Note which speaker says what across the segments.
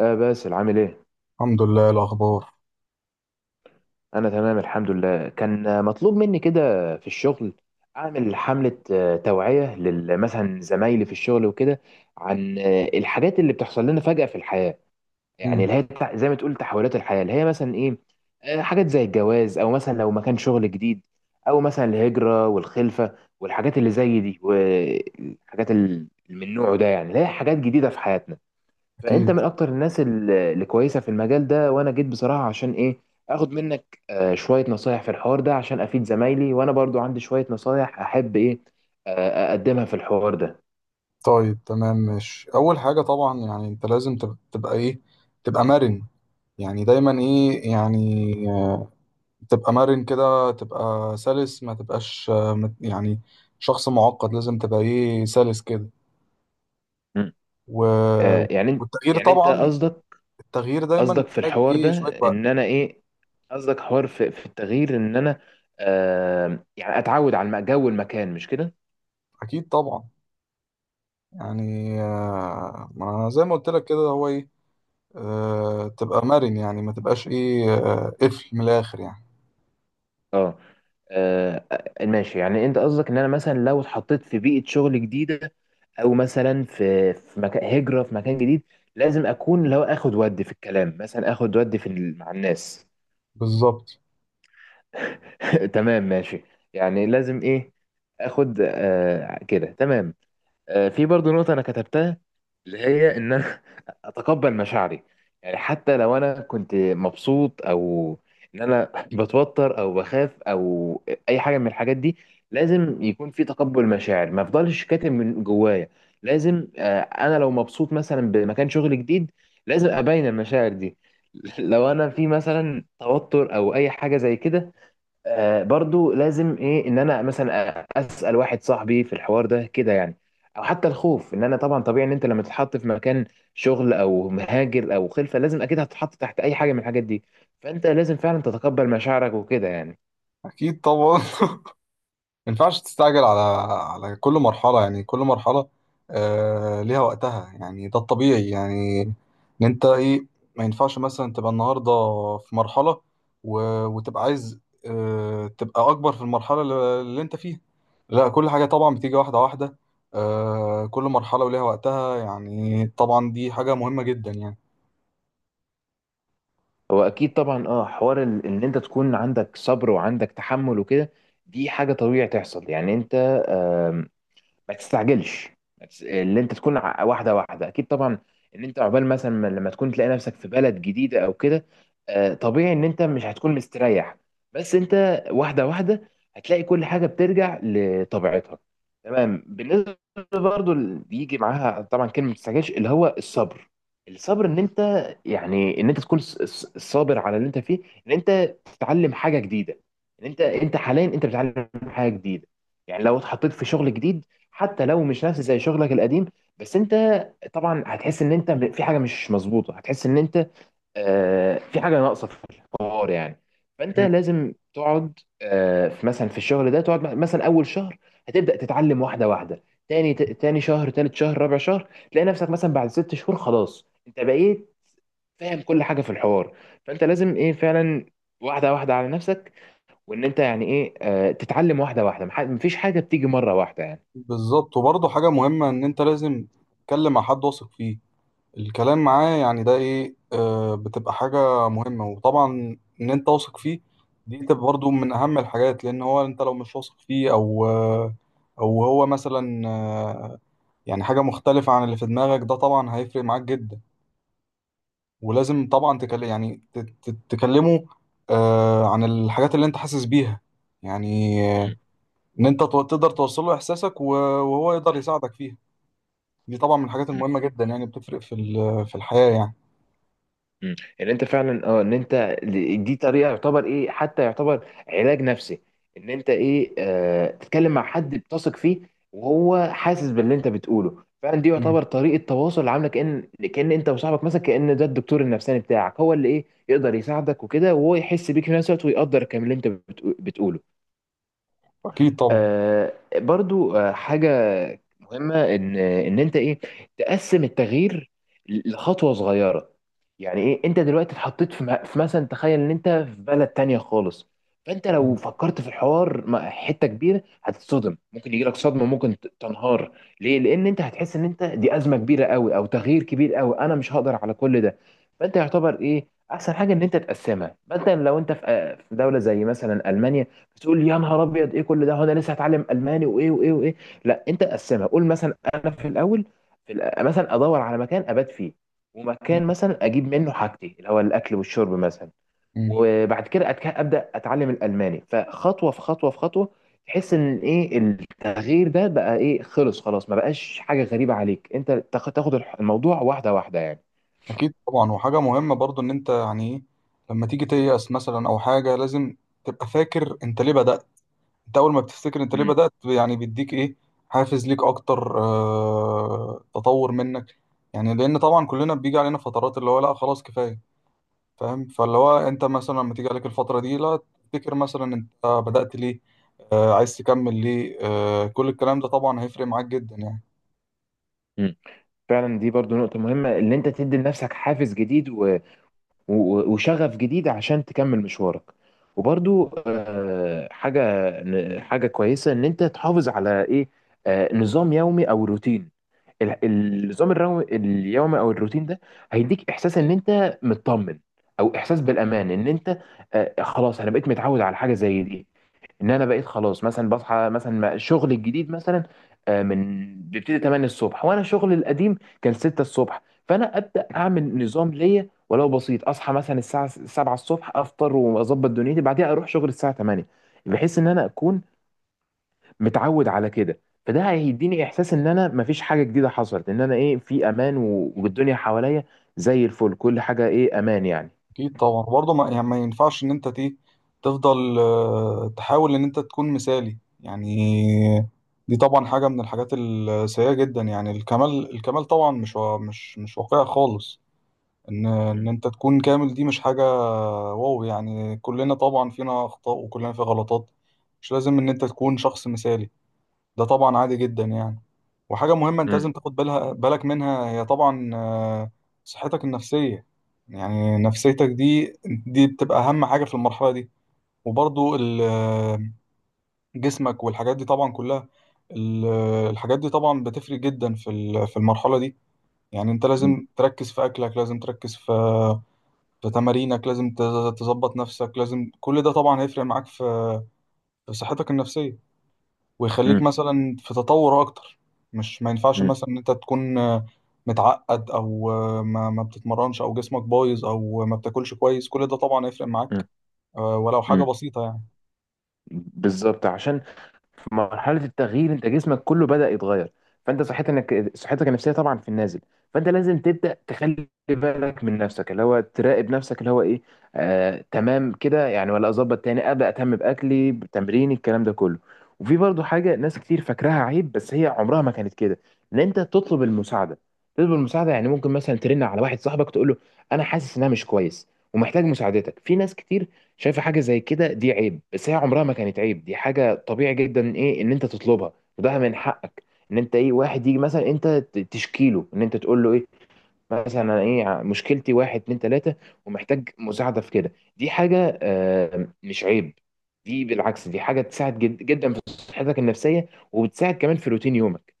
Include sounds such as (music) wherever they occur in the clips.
Speaker 1: باسل عامل ايه؟
Speaker 2: الحمد لله. إيه الأخبار؟
Speaker 1: انا تمام الحمد لله. كان مطلوب مني كده في الشغل، اعمل حملة توعية مثلا زمايلي في الشغل وكده، عن الحاجات اللي بتحصل لنا فجأة في الحياة. يعني
Speaker 2: مم.
Speaker 1: اللي هي زي ما تقول تحولات الحياة اللي هي مثلا ايه. حاجات زي الجواز او مثلا لو مكان شغل جديد، او مثلا الهجرة والخلفة والحاجات اللي زي دي والحاجات اللي من نوعه ده، يعني اللي هي حاجات جديدة في حياتنا. فانت من
Speaker 2: أكيد.
Speaker 1: اكتر الناس اللي كويسه في المجال ده، وانا جيت بصراحه عشان ايه اخد منك شويه نصايح في الحوار ده عشان افيد زمايلي، وانا برضو عندي شويه نصايح احب ايه اقدمها في الحوار ده.
Speaker 2: طيب تمام ماشي. أول حاجة طبعا يعني أنت لازم تبقى إيه، تبقى مرن. يعني دايما
Speaker 1: مم.
Speaker 2: إيه يعني، آه، تبقى مرن كده، تبقى سلس، ما تبقاش يعني شخص معقد. لازم تبقى إيه، سلس كده.
Speaker 1: مم.
Speaker 2: و...
Speaker 1: يعني
Speaker 2: والتغيير
Speaker 1: يعني انت
Speaker 2: طبعا،
Speaker 1: قصدك،
Speaker 2: التغيير دايما
Speaker 1: قصدك في
Speaker 2: بيحتاج
Speaker 1: الحوار ده
Speaker 2: إيه، شوية وقت.
Speaker 1: ان انا ايه، قصدك حوار في التغيير ان انا يعني اتعود على جو المكان، مش كده؟
Speaker 2: أكيد طبعا. يعني ما زي ما قلت لك كده هو إيه، تبقى مرن، يعني ما تبقاش إيه قفل من الآخر يعني.
Speaker 1: اه. آه، ماشي، يعني انت قصدك ان انا مثلا لو اتحطيت في بيئة شغل جديدة، او مثلا في مكان هجره في مكان جديد، لازم اكون اللي هو اخد ودي في الكلام، مثلا اخد ودي في مع الناس.
Speaker 2: بالظبط.
Speaker 1: (laughs) تمام ماشي. يعني لازم ايه اخد كده، تمام. في برضو نقطة أنا كتبتها اللي هي إن أنا (laughs) أتقبل مشاعري، يعني حتى لو أنا كنت مبسوط أو إن أنا (laughs) بتوتر أو بخاف أو أي حاجة من الحاجات دي، لازم يكون في تقبل مشاعر، ما أفضلش كاتم من جوايا. لازم أنا لو مبسوط مثلا بمكان شغل جديد، لازم أبين المشاعر دي. (laughs) لو أنا في مثلا توتر أو أي حاجة زي كده، برضو لازم ايه ان انا مثلا اسال واحد صاحبي في الحوار ده كده يعني، او حتى الخوف. ان انا طبعا طبيعي ان انت لما تتحط في مكان شغل او مهاجر او خلفه، لازم اكيد هتتحط تحت اي حاجه من الحاجات دي، فانت لازم فعلا تتقبل مشاعرك وكده يعني.
Speaker 2: اكيد طبعا. (laughs) ما ينفعش تستعجل على على كل مرحله، يعني كل مرحله آه ليها وقتها. يعني ده الطبيعي يعني، ان انت ايه، ما ينفعش مثلا تبقى النهارده في مرحله و... وتبقى عايز آه تبقى اكبر في المرحله اللي انت فيها. لا، كل حاجه طبعا بتيجي واحده واحده. آه، كل مرحله وليها وقتها. يعني طبعا دي حاجه مهمه جدا يعني.
Speaker 1: هو اكيد طبعا. اه حوار ان انت تكون عندك صبر وعندك تحمل وكده، دي حاجه طبيعي تحصل، يعني انت ما تستعجلش. ما تس- اللي انت تكون واحده واحده، اكيد طبعا. ان انت عقبال مثلا لما تكون تلاقي نفسك في بلد جديده او كده، طبيعي ان انت مش هتكون مستريح، بس انت واحده واحده هتلاقي كل حاجه بترجع لطبيعتها. تمام، بالنسبه برضو اللي بيجي معاها طبعا كلمه ما تستعجلش اللي هو الصبر. الصبر ان انت، يعني ان انت تكون صابر على اللي انت فيه، ان انت تتعلم حاجه جديده. ان انت حاليا انت بتتعلم حاجه جديده. يعني لو اتحطيت في شغل جديد، حتى لو مش نفس زي شغلك القديم، بس انت طبعا هتحس ان انت في حاجه مش مظبوطه، هتحس ان انت في حاجه ناقصه في الحوار يعني. فانت
Speaker 2: مم.
Speaker 1: لازم تقعد مثلا في الشغل ده تقعد مثلا اول شهر، هتبدا تتعلم واحده واحده. تاني شهر تالت شهر رابع شهر تلاقي نفسك مثلا بعد ست شهور، خلاص انت بقيت فاهم كل حاجه في الحوار. فانت لازم ايه فعلا واحده واحده على نفسك، وان انت يعني ايه تتعلم واحده واحده، مفيش حاجه بتيجي مره واحده يعني.
Speaker 2: بالظبط. وبرضه حاجه مهمه، ان انت لازم تتكلم مع حد واثق فيه الكلام معاه. يعني ده ايه، آه بتبقى حاجة مهمة. وطبعا ان انت واثق فيه، دي تبقى برضو من اهم الحاجات. لان هو انت لو مش واثق فيه او آه، او هو مثلا آه، يعني حاجة مختلفة عن اللي في دماغك، ده طبعا هيفرق معاك جدا. ولازم طبعا تكلم، يعني تكلمه آه عن الحاجات اللي انت حاسس بيها. يعني آه، ان انت تقدر توصل له احساسك وهو يقدر يساعدك فيها. دي طبعا من الحاجات
Speaker 1: مم.
Speaker 2: المهمة جدا، يعني بتفرق في في الحياة يعني.
Speaker 1: مم. ان انت فعلا ان انت دي طريقه يعتبر ايه، حتى يعتبر علاج نفسي، ان انت ايه تتكلم مع حد بتثق فيه وهو حاسس باللي انت بتقوله فعلا. دي
Speaker 2: مم.
Speaker 1: يعتبر طريقه تواصل عامله كأن كأن انت وصاحبك مثلا، كأن ده الدكتور النفساني بتاعك، هو اللي ايه يقدر يساعدك وكده، وهو يحس بيك في نفس الوقت، ويقدر كمان اللي انت بتقوله.
Speaker 2: اكيد طبعا.
Speaker 1: برضو حاجة مهمة إن أنت إيه تقسم التغيير لخطوة صغيرة. يعني إيه، أنت دلوقتي اتحطيت في في مثلا، تخيل إن أنت في بلد تانية خالص، فأنت
Speaker 2: مم.
Speaker 1: لو فكرت في الحوار مع حتة كبيرة هتتصدم، ممكن يجيلك صدمة، ممكن تنهار. ليه؟ لأن أنت هتحس إن أنت دي أزمة كبيرة قوي أو تغيير كبير قوي، أنا مش هقدر على كل ده. فأنت يعتبر إيه أحسن حاجة، إن أنت تقسمها. مثلا لو أنت في دولة زي مثلا ألمانيا، تقول يا نهار ابيض ايه كل ده، هو انا لسه هتعلم الماني وايه وايه وايه. لا انت قسمها، قول مثلا انا في الاول، مثلا ادور على مكان ابات فيه، ومكان مثلا اجيب منه حاجتي اللي هو الاكل والشرب مثلا.
Speaker 2: مم.
Speaker 1: وبعد كده ابدا اتعلم الالماني، فخطوه في خطوه في خطوه تحس ان ايه التغيير ده بقى ايه، خلاص ما بقاش حاجه غريبه عليك، انت تاخد الموضوع واحده واحده يعني.
Speaker 2: اكيد طبعا. وحاجه مهمه برضو، ان انت يعني ايه، لما تيجي تيأس مثلا او حاجه، لازم تبقى فاكر انت ليه بدأت. انت اول ما بتفتكر انت ليه
Speaker 1: مم.
Speaker 2: بدأت يعني بيديك ايه، حافز ليك اكتر، آه تطور منك. يعني لان طبعا كلنا بيجي علينا فترات اللي هو لا خلاص كفايه، فاهم؟ فاللي هو انت مثلا لما تيجي عليك الفتره دي، لا، تفتكر مثلا انت بدأت ليه، آه عايز تكمل ليه. آه كل الكلام ده طبعا هيفرق معاك جدا يعني.
Speaker 1: مم. فعلا دي برضو نقطه مهمه، ان انت تدي لنفسك حافز جديد و- وشغف جديد عشان تكمل مشوارك. وبرضو حاجة كويسة إن أنت تحافظ على إيه نظام يومي أو روتين. النظام اليومي أو الروتين ده هيديك إحساس إن أنت مطمن، أو إحساس بالأمان إن أنت خلاص أنا بقيت متعود على حاجة زي دي. ان انا بقيت خلاص مثلا بصحى مثلا، الشغل الجديد مثلا من بيبتدي 8 الصبح، وانا شغل القديم كان 6 الصبح. فانا ابدا اعمل نظام ليا ولو بسيط، اصحى مثلا الساعه 7 الصبح، افطر واظبط دنيتي، بعدها اروح شغل الساعه 8، بحيث ان انا اكون متعود على كده. فده هيديني احساس ان انا مفيش حاجه جديده حصلت، ان انا ايه في امان، والدنيا حواليا زي الفل، كل حاجه ايه امان يعني.
Speaker 2: اكيد طبعا. برضه ما يعني ما ينفعش ان انت تفضل تحاول ان انت تكون مثالي يعني. دي طبعا حاجه من الحاجات السيئه جدا. يعني الكمال، الكمال طبعا مش مش واقعي خالص. ان ان
Speaker 1: مم.
Speaker 2: انت تكون كامل دي مش حاجه، واو يعني. كلنا طبعا فينا اخطاء وكلنا في غلطات. مش لازم ان انت تكون شخص مثالي، ده طبعا عادي جدا يعني. وحاجة مهمة انت
Speaker 1: مم.
Speaker 2: لازم تاخد بالك منها، هي طبعا آه، صحتك النفسية. يعني نفسيتك دي بتبقى أهم حاجة في المرحلة دي. وبرضو آه، جسمك والحاجات دي طبعا كلها، آه، الحاجات دي طبعا بتفرق جدا في في المرحلة دي. يعني انت
Speaker 1: مم.
Speaker 2: لازم تركز في أكلك، لازم تركز في في تمارينك، لازم تظبط نفسك. لازم كل ده طبعا هيفرق معاك في في صحتك النفسية، ويخليك مثلا في تطور اكتر. مش ما ينفعش
Speaker 1: مم.
Speaker 2: مثلا ان انت تكون آه، متعقد او آه، ما بتتمرنش، او جسمك بايظ، او ما بتاكلش كويس. كل ده طبعا هيفرق
Speaker 1: مم.
Speaker 2: معاك آه، ولو حاجه
Speaker 1: مم.
Speaker 2: بسيطه يعني.
Speaker 1: بالظبط، عشان في مرحله التغيير انت جسمك كله بدا يتغير، فانت صحتك، انك صحتك النفسيه طبعا في النازل. فانت لازم تبدا تخلي بالك من نفسك، اللي هو تراقب نفسك، اللي هو ايه تمام كده يعني، ولا اظبط تاني ابدا اهتم باكلي بتمريني الكلام ده كله. وفي برضو حاجه ناس كتير فاكراها عيب، بس هي عمرها ما كانت كده، ان انت تطلب المساعده. تطلب المساعده يعني ممكن مثلا ترن على واحد صاحبك تقول له انا حاسس ان انا مش كويس ومحتاج مساعدتك. في ناس كتير شايفه حاجه زي كده دي عيب، بس هي عمرها ما كانت عيب، دي حاجه طبيعي جدا ايه ان انت تطلبها وده من حقك. ان انت ايه واحد يجي مثلا انت تشكي له، ان انت تقول له ايه مثلا أنا ايه مشكلتي واحد اتنين تلاته، ومحتاج مساعده في كده. دي حاجه مش عيب، دي بالعكس دي حاجه تساعد جد جدا في صحتك النفسيه، وبتساعد كمان في روتين يومك.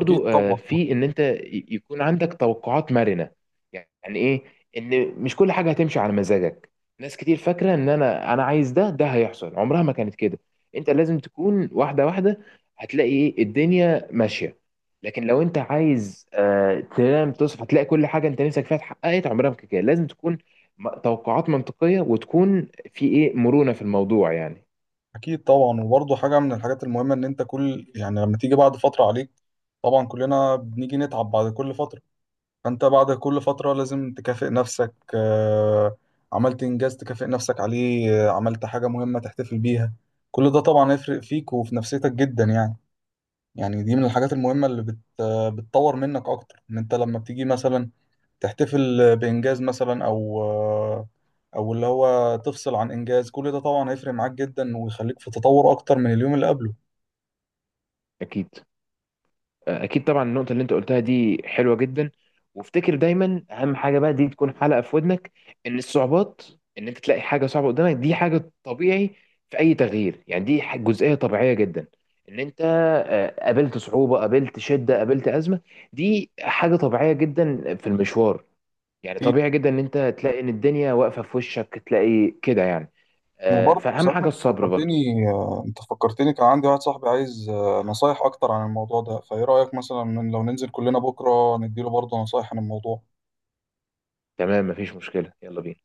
Speaker 2: اكيد طبعا.
Speaker 1: في ان انت يكون عندك توقعات مرنه. يعني ايه؟ ان مش كل حاجه هتمشي على مزاجك. ناس كتير فاكره ان انا عايز ده ده هيحصل، عمرها ما كانت كده. انت لازم تكون واحده واحده، هتلاقي ايه الدنيا ماشيه. لكن لو انت عايز تنام تصحى هتلاقي كل حاجه انت نفسك فيها اتحققت، عمرها ما كانت كده. لازم تكون توقعات منطقيه وتكون في ايه مرونه في الموضوع يعني.
Speaker 2: اكيد طبعا. وبرضه حاجه من الحاجات المهمه، ان انت كل يعني لما تيجي بعد فتره عليك، طبعا كلنا بنيجي نتعب بعد كل فتره، فانت بعد كل فترة لازم تكافئ نفسك. آه، عملت انجاز تكافئ نفسك عليه، آه، عملت حاجة مهمة تحتفل بيها. كل ده طبعا هيفرق فيك وفي نفسيتك جدا يعني. يعني دي من الحاجات المهمة اللي آه، بتطور منك اكتر. ان انت لما بتيجي مثلا تحتفل بانجاز مثلا او آه، او اللي هو تفصل عن انجاز، كل ده طبعا هيفرق معاك جدا ويخليك في تطور اكتر من اليوم اللي قبله.
Speaker 1: اكيد اكيد طبعا، النقطه اللي انت قلتها دي حلوه جدا. وافتكر دايما اهم حاجه بقى، دي تكون حلقه في ودنك، ان الصعوبات، ان انت تلاقي حاجه صعبه قدامك دي حاجه طبيعي في اي تغيير، يعني دي جزئيه طبيعيه جدا ان انت قابلت صعوبه قابلت شده قابلت ازمه، دي حاجه طبيعيه جدا في المشوار. يعني
Speaker 2: في،
Speaker 1: طبيعي جدا ان انت تلاقي ان الدنيا واقفه في وشك، تلاقي كده يعني.
Speaker 2: وبرضه
Speaker 1: فاهم
Speaker 2: صحيح
Speaker 1: حاجه
Speaker 2: انت
Speaker 1: الصبر
Speaker 2: فكرتني
Speaker 1: برضو.
Speaker 2: آه، انت فكرتني كان عندي واحد صاحبي عايز آه، نصايح اكتر عن الموضوع ده. فايه رأيك مثلا إن لو ننزل كلنا بكرة نديله برضه نصايح عن الموضوع؟
Speaker 1: تمام مفيش مشكله، يلا بينا.